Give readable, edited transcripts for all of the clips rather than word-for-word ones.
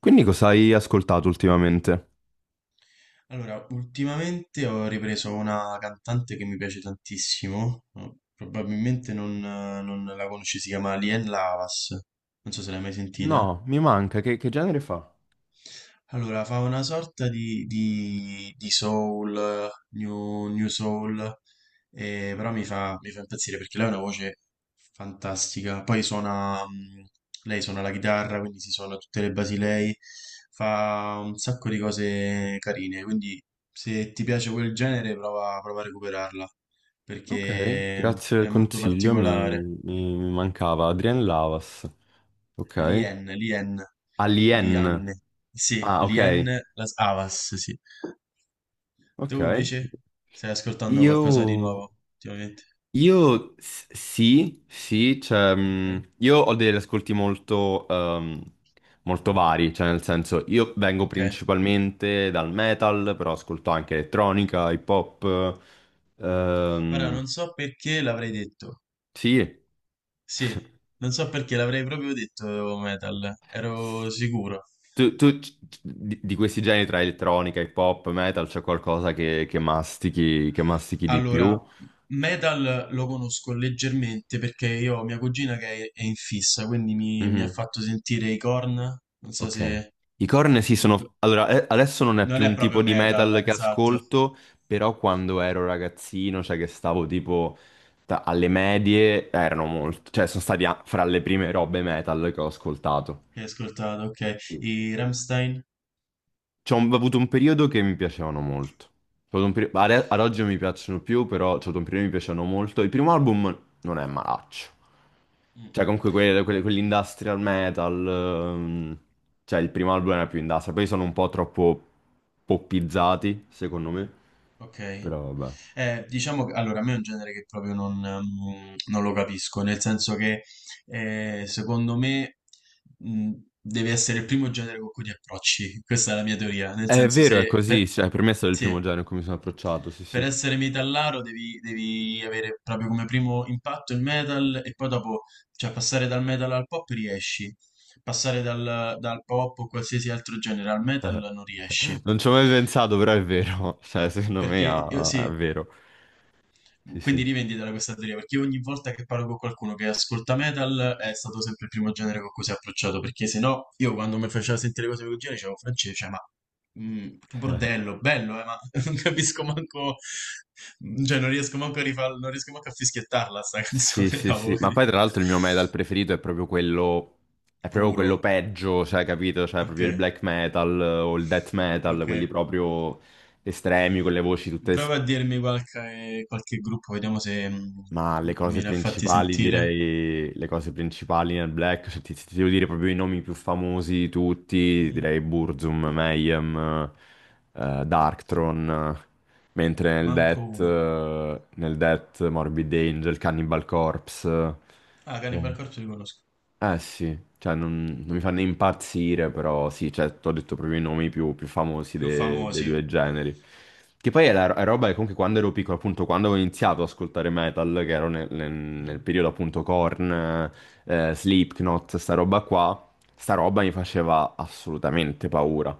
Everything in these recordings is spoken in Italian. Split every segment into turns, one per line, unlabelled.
Quindi cosa hai ascoltato ultimamente?
Allora, ultimamente ho ripreso una cantante che mi piace tantissimo, no? Probabilmente non la conosci, si chiama Lien Lavas, non so se l'hai mai sentita.
No, mi manca, che genere fa?
Allora, fa una sorta di soul, new soul, però mi fa impazzire perché lei ha una voce fantastica. Poi suona, lei suona la chitarra, quindi si suona tutte le basi lei, fa un sacco di cose carine, quindi se ti piace quel genere prova a recuperarla,
Ok,
perché
grazie del
è molto
consiglio, mi,
particolare.
mi- mi mancava Adrien Lavas. Ok.
Lien,
Alien.
Lianne, sì,
Ah, ok.
Lien Las Havas, sì. Tu
Ok.
invece stai ascoltando
Io...
qualcosa di nuovo ultimamente?
Sì, sì, cioè,
Ok.
io ho degli ascolti molto, molto vari, cioè nel senso io vengo
Ok.
principalmente dal metal, però ascolto anche elettronica, hip hop,
Ora
ehm,
non so perché l'avrei detto.
Sì.
Sì, non so perché l'avrei proprio detto oh, metal, ero sicuro.
Tu di questi generi tra elettronica, hip hop, metal, c'è qualcosa che, che mastichi di
Allora,
più?
metal lo conosco leggermente perché io ho mia cugina che è in fissa, quindi mi ha
Mhm.
fatto sentire i Korn. Non so
Ok.
se...
I Korn sì
i-
sono... Allora, adesso non è
non
più
è
un tipo
proprio
di
metal,
metal che
esatto,
ascolto, però quando ero ragazzino, cioè che stavo tipo alle medie, erano molto... Cioè sono stati fra le prime robe metal che ho ascoltato.
che hai ascoltato, ok. I Rammstein?
C'ho ho avuto un periodo che mi piacevano molto. C'ho avuto ad oggi non mi piacciono più, però c'ho avuto un periodo che mi piacevano molto. Il primo album non è malaccio.
Mm,
Cioè, comunque quell'industrial metal. Cioè, il primo album era più industrial. Poi sono un po' troppo poppizzati, secondo me.
ok.
Però vabbè.
Diciamo che allora, a me è un genere che proprio non lo capisco, nel senso che secondo me mm, deve essere il primo genere con cui ti approcci. Questa è la mia teoria, nel
È
senso
vero, è
se
così.
per,
Cioè, per me è stato il
sì,
primo genere in cui mi sono approcciato, sì,
per
sì.
essere metallaro devi avere proprio come primo impatto il metal e poi dopo, cioè passare dal metal al pop riesci, passare dal pop o qualsiasi altro genere al metal non riesci.
Non ci ho mai pensato, però è vero. Cioè, secondo me, è
Sì,
vero. Sì,
quindi
sì.
rivenditela questa teoria, perché ogni volta che parlo con qualcuno che ascolta metal è stato sempre il primo genere con cui si è approcciato, perché se no io quando mi faceva sentire cose del genere dicevo francese, cioè, ma che bordello, bello, ma non capisco manco, cioè non riesco manco a rifarlo, non riesco manco a fischiettarla sta
Sì,
canzone,
sì, sì,
cavolo,
ma
quindi,
poi tra l'altro il mio metal preferito è proprio quello
puro,
peggio, cioè, capito? Cioè,
ok,
proprio il black metal, o il death metal,
ok.
quelli proprio estremi, con le voci tutte...
Prova a dirmi qualche gruppo, vediamo se mm,
Ma le
mi
cose
ne ha fatti
principali,
sentire.
direi, le cose principali nel black, cioè, ti devo dire proprio i nomi più famosi di tutti,
Mhm.
direi Burzum, Mayhem, Darkthrone, mentre nel
Manco
death,
uno.
Morbid Angel, Cannibal Corpse...
Ah, Cannibal
eh,
Corpse li conosco.
Eh sì, cioè non mi fa né impazzire, però sì, cioè, ti ho detto proprio i nomi più famosi
Più
dei
famosi.
due generi. Che poi è, è roba che comunque quando ero piccolo, appunto, quando ho iniziato ad ascoltare metal, che ero nel, nel
Mm.
periodo appunto Korn, Slipknot, sta roba qua, sta roba mi faceva assolutamente paura.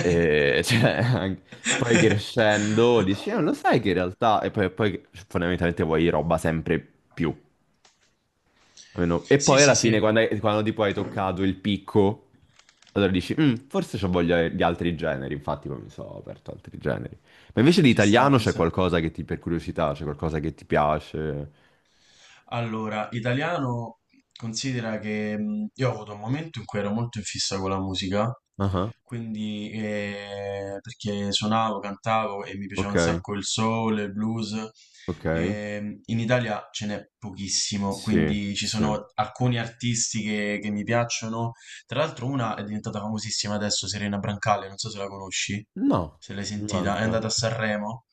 E, cioè, poi crescendo dici, lo sai che in realtà... E poi, poi fondamentalmente vuoi roba sempre più. E
Sì,
poi
sì,
alla fine,
sì.
quando, quando tipo hai toccato il picco, allora dici, "Mm, forse c'ho voglia di altri generi, infatti poi mi sono aperto altri generi. Ma invece di
Ci sta,
italiano
ci
c'è
sta.
qualcosa per curiosità, c'è qualcosa che ti piace?
Allora, italiano considera che io ho avuto un momento in cui ero molto in fissa con la musica,
Ah,
quindi perché suonavo, cantavo e mi piaceva un
ok,
sacco il soul, il blues.
ok,
In Italia ce n'è pochissimo,
sì,
quindi ci
sì.
sono alcuni artisti che mi piacciono. Tra l'altro una è diventata famosissima adesso, Serena Brancale, non so se la conosci,
No,
se l'hai
mi
sentita, è
manca.
andata a Sanremo.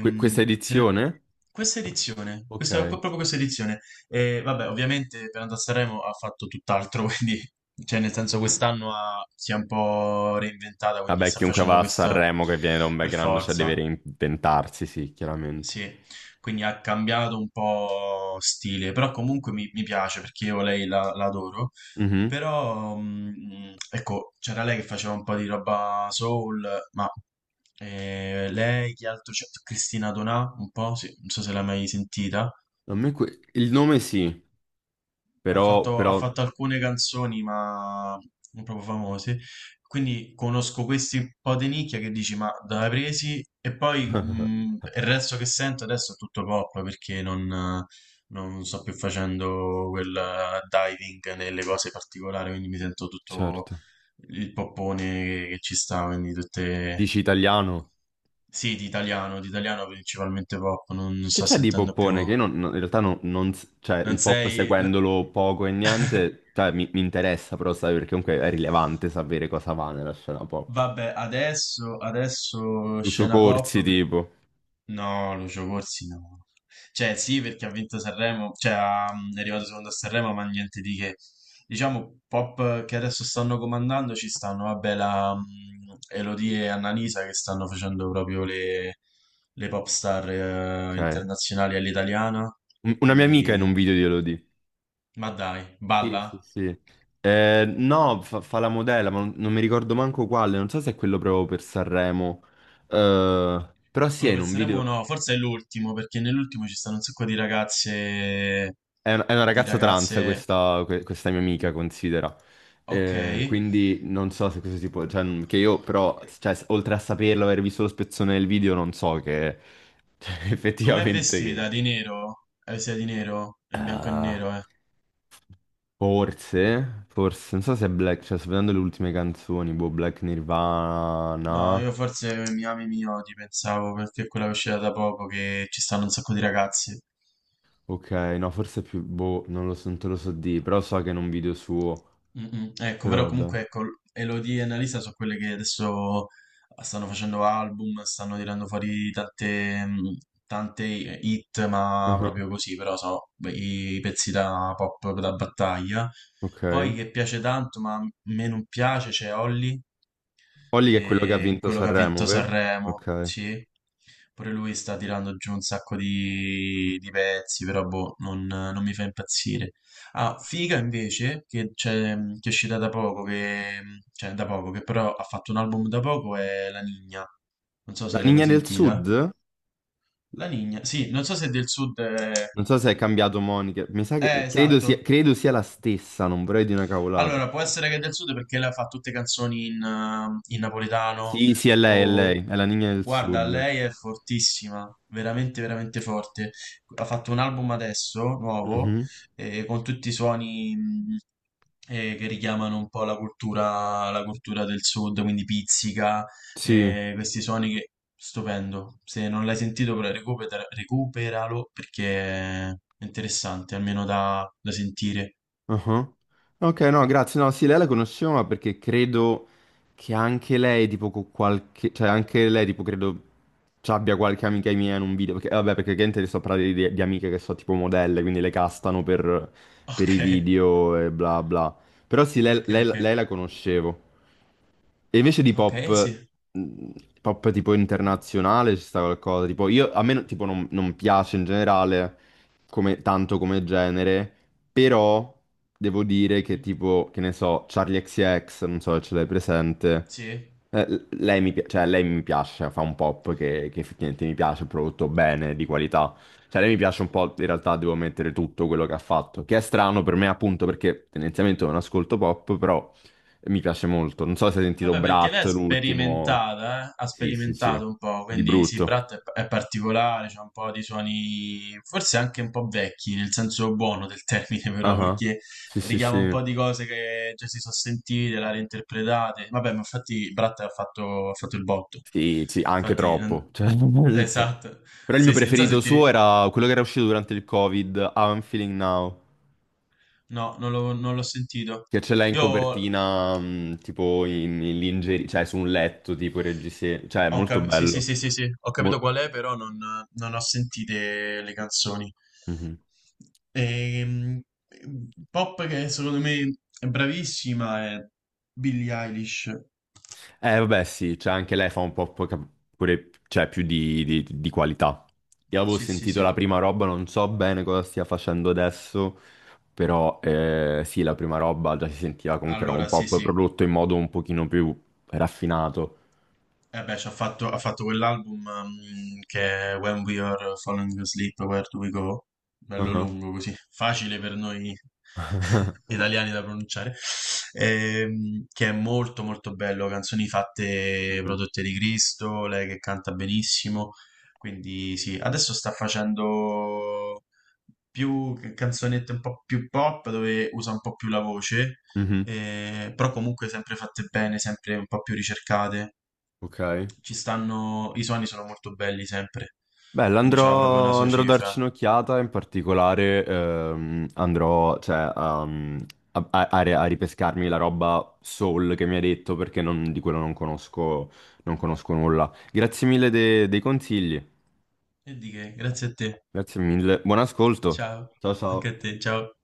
Questa
Se ne-
edizione?
questa edizione,
Ok.
proprio questa edizione, e vabbè, ovviamente per andare a Sanremo ha fatto tutt'altro, quindi, cioè, nel senso, si è un po' reinventata, quindi
Vabbè,
sta
chiunque
facendo
va a
questa
Sanremo che viene da un
per
background, cioè deve
forza.
reinventarsi, sì, chiaramente.
Sì, quindi ha cambiato un po' stile, però comunque mi piace perché io la adoro.
Mhm.
Però, ecco, c'era lei che faceva un po' di roba soul, ma lei, chi altro c'è? Cristina Donà, un po', sì, non so se l'hai mai sentita.
A me il nome sì, però,
Ha
però...
fatto alcune canzoni, ma non proprio famose. Quindi conosco questi un po' di nicchia che dici, ma dove hai presi? E poi il resto che sento adesso è tutto pop perché non, non sto più facendo quel diving nelle cose particolari, quindi mi sento tutto
certo.
il poppone che ci sta, quindi tutte...
Dici italiano?
Sì, di italiano principalmente pop, non
Che
sto
c'è di
sentendo più...
poppone? Che io in realtà non, non s- cioè,
Non
il pop
sei...
seguendolo poco e niente, cioè, mi interessa però sapere, perché comunque è rilevante sapere cosa va nella scena pop.
Vabbè, adesso
Lucio
scena pop.
Corsi, tipo.
No, Lucio Corsi no. Cioè, sì, perché ha vinto Sanremo, è arrivato secondo a Sanremo, ma niente di che. Diciamo, pop che adesso stanno comandando ci stanno, vabbè, la mm, Elodie e Annalisa che stanno facendo proprio le pop star
Ok.
internazionali all'italiana.
Una mia amica in
Quindi,
un video di Elodie.
ma dai,
Sì,
balla.
sì, sì. No, fa la modella, ma non mi ricordo manco quale, non so se è quello proprio per Sanremo. Però sì, è
Quello
in
per
un
Sanremo
video.
no, forse è l'ultimo, perché nell'ultimo ci stanno un sacco
È una
di
ragazza trans
ragazze,
questa, questa mia amica, considera.
ok.
Quindi non so se questo tipo... Cioè, che io però, cioè, oltre a saperlo, aver visto lo spezzone del video, non so che... cioè,
Com'è
effettivamente che...
vestita? Di nero? È vestita di nero? È in bianco e
Ah,
nero, eh.
forse, forse, non so se è Black, cioè sto vedendo le ultime canzoni, boh, Black
No,
Nirvana,
io forse mi ami, mi odi, pensavo, perché è quella che è uscita da poco che ci stanno un sacco di ragazze.
ok, no, forse è più, boh, non lo so, non te lo so di, però so che è in un video suo,
Mm, mm. Ecco,
però
però
vabbè.
comunque ecco, Elodie e Annalisa sono quelle che adesso stanno facendo album, stanno tirando fuori tante, mm, tante hit, ma
Mhm.
proprio così, però sono i pezzi da pop da battaglia.
Ok.
Poi che piace tanto, ma a me non piace, c'è Holly,
Olly che è quello che ha
che è
vinto
quello che ha
Sanremo,
vinto
vero?
Sanremo,
Ok.
sì. Pure lui sta tirando giù un sacco di pezzi, però boh, non mi fa impazzire. Ah, Figa invece, che è uscita da poco, che, cioè da poco, che però ha fatto un album da poco, è La Nigna. Non so
La
se l'hai mai
Ninja del Sud?
sentita. La Nigna, sì, non so se è del sud...
Non so se è cambiato Monica. Mi sa che credo sia,
esatto.
credo sia la stessa, non vorrei di una cavolata.
Allora, può essere che è del sud perché lei fa tutte canzoni in, in napoletano
Sì, sì, è lei, è
o...
lei, è la Ninja del
Guarda,
Sud.
lei è fortissima, veramente, veramente forte. Ha fatto un album adesso, nuovo,
Mhm.
con tutti i suoni che richiamano un po' la cultura del sud, quindi pizzica,
Sì.
questi suoni che... Stupendo. Se non l'hai sentito, però recuperalo perché è interessante, almeno da da sentire.
Ah, ok, no, grazie. No, sì, lei la conoscevo, ma perché credo che anche lei, tipo, con qualche... Cioè, anche lei, tipo, credo ci abbia qualche amica mia in un video. Perché, vabbè, perché gente sto parlando di, amiche che sono tipo modelle, quindi le castano per i
Okay.
video e bla bla. Però sì, lei
Okay,
lei-
okay.
lei la conoscevo. E invece di
Okay,
pop,
sì.
mh, pop tipo internazionale ci sta qualcosa, tipo io, a me tipo non piace in generale tanto come genere, però devo dire che
Mh-mh.
tipo, che ne so, Charlie XCX, non so se ce l'hai presente,
Sì.
cioè, lei mi piace, cioè, fa un pop che effettivamente mi piace, prodotto bene, di qualità, cioè lei mi piace un po', in realtà devo mettere tutto quello che ha fatto, che è strano per me appunto perché tendenzialmente non ascolto pop, però... Mi piace molto. Non so se hai sentito
Vabbè, perché
Brat,
lei è
l'ultimo.
sperimentata, ha
Sì, sì, sì.
sperimentato un po',
Di
quindi sì,
brutto.
Brat è p è particolare, c'ha un po' di suoni forse anche un po' vecchi, nel senso buono del termine però,
Ah,
perché
sì, sì, sì.
richiama un po' di cose che già si so' sentite, le ha reinterpretate. Vabbè, ma infatti Brat ha fatto il botto.
Sì, sì, anche
Infatti
troppo.
non
Cioè,
esatto.
Però il mio
Sì, sì, non so se
preferito
ti
suo
ri
era quello che era uscito durante il Covid, How I'm Feeling Now.
No, non l'ho sentito.
Che ce l'ha in
Io ho
copertina, tipo in, lingerie, cioè su un letto, tipo il reggiseno. Cioè, è molto
capito, sì, sì,
bello.
sì, sì, sì, ho
Mol-
capito qual è, però non, non ho sentite le canzoni.
Mhm.
Ehm, pop che secondo me è bravissima è Billie Eilish.
Vabbè, sì, cioè anche lei fa un po' pure, cioè, più di, di qualità. Io avevo
Sì, sì,
sentito
sì.
la prima roba, non so bene cosa stia facendo adesso, però sì, la prima roba già si sentiva comunque era un
Allora, sì,
pop
sì.
prodotto in modo un pochino più raffinato.
Eh beh, ha fatto quell'album che è When We Are Falling Asleep, Where Do We Go? Bello
Ah,
lungo così, facile per noi italiani da pronunciare. Che è molto molto bello, canzoni fatte
mhm,
prodotte di Cristo, lei che canta benissimo, quindi sì, adesso sta facendo più canzonette un po' più pop dove usa un po' più la voce,
mhm,
però comunque sempre fatte bene, sempre un po' più ricercate
ok.
ci stanno, i suoni sono molto belli sempre,
Bella,
quindi c'ha proprio una
andrò,
sua
andrò a
cifra.
darci un'occhiata, in particolare andrò cioè, a ripescarmi la roba Soul che mi hai detto perché di quello non conosco, non conosco nulla. Grazie mille dei consigli,
E di che, grazie a te.
grazie mille, buon ascolto,
Ciao,
ciao ciao.
anche a te, ciao.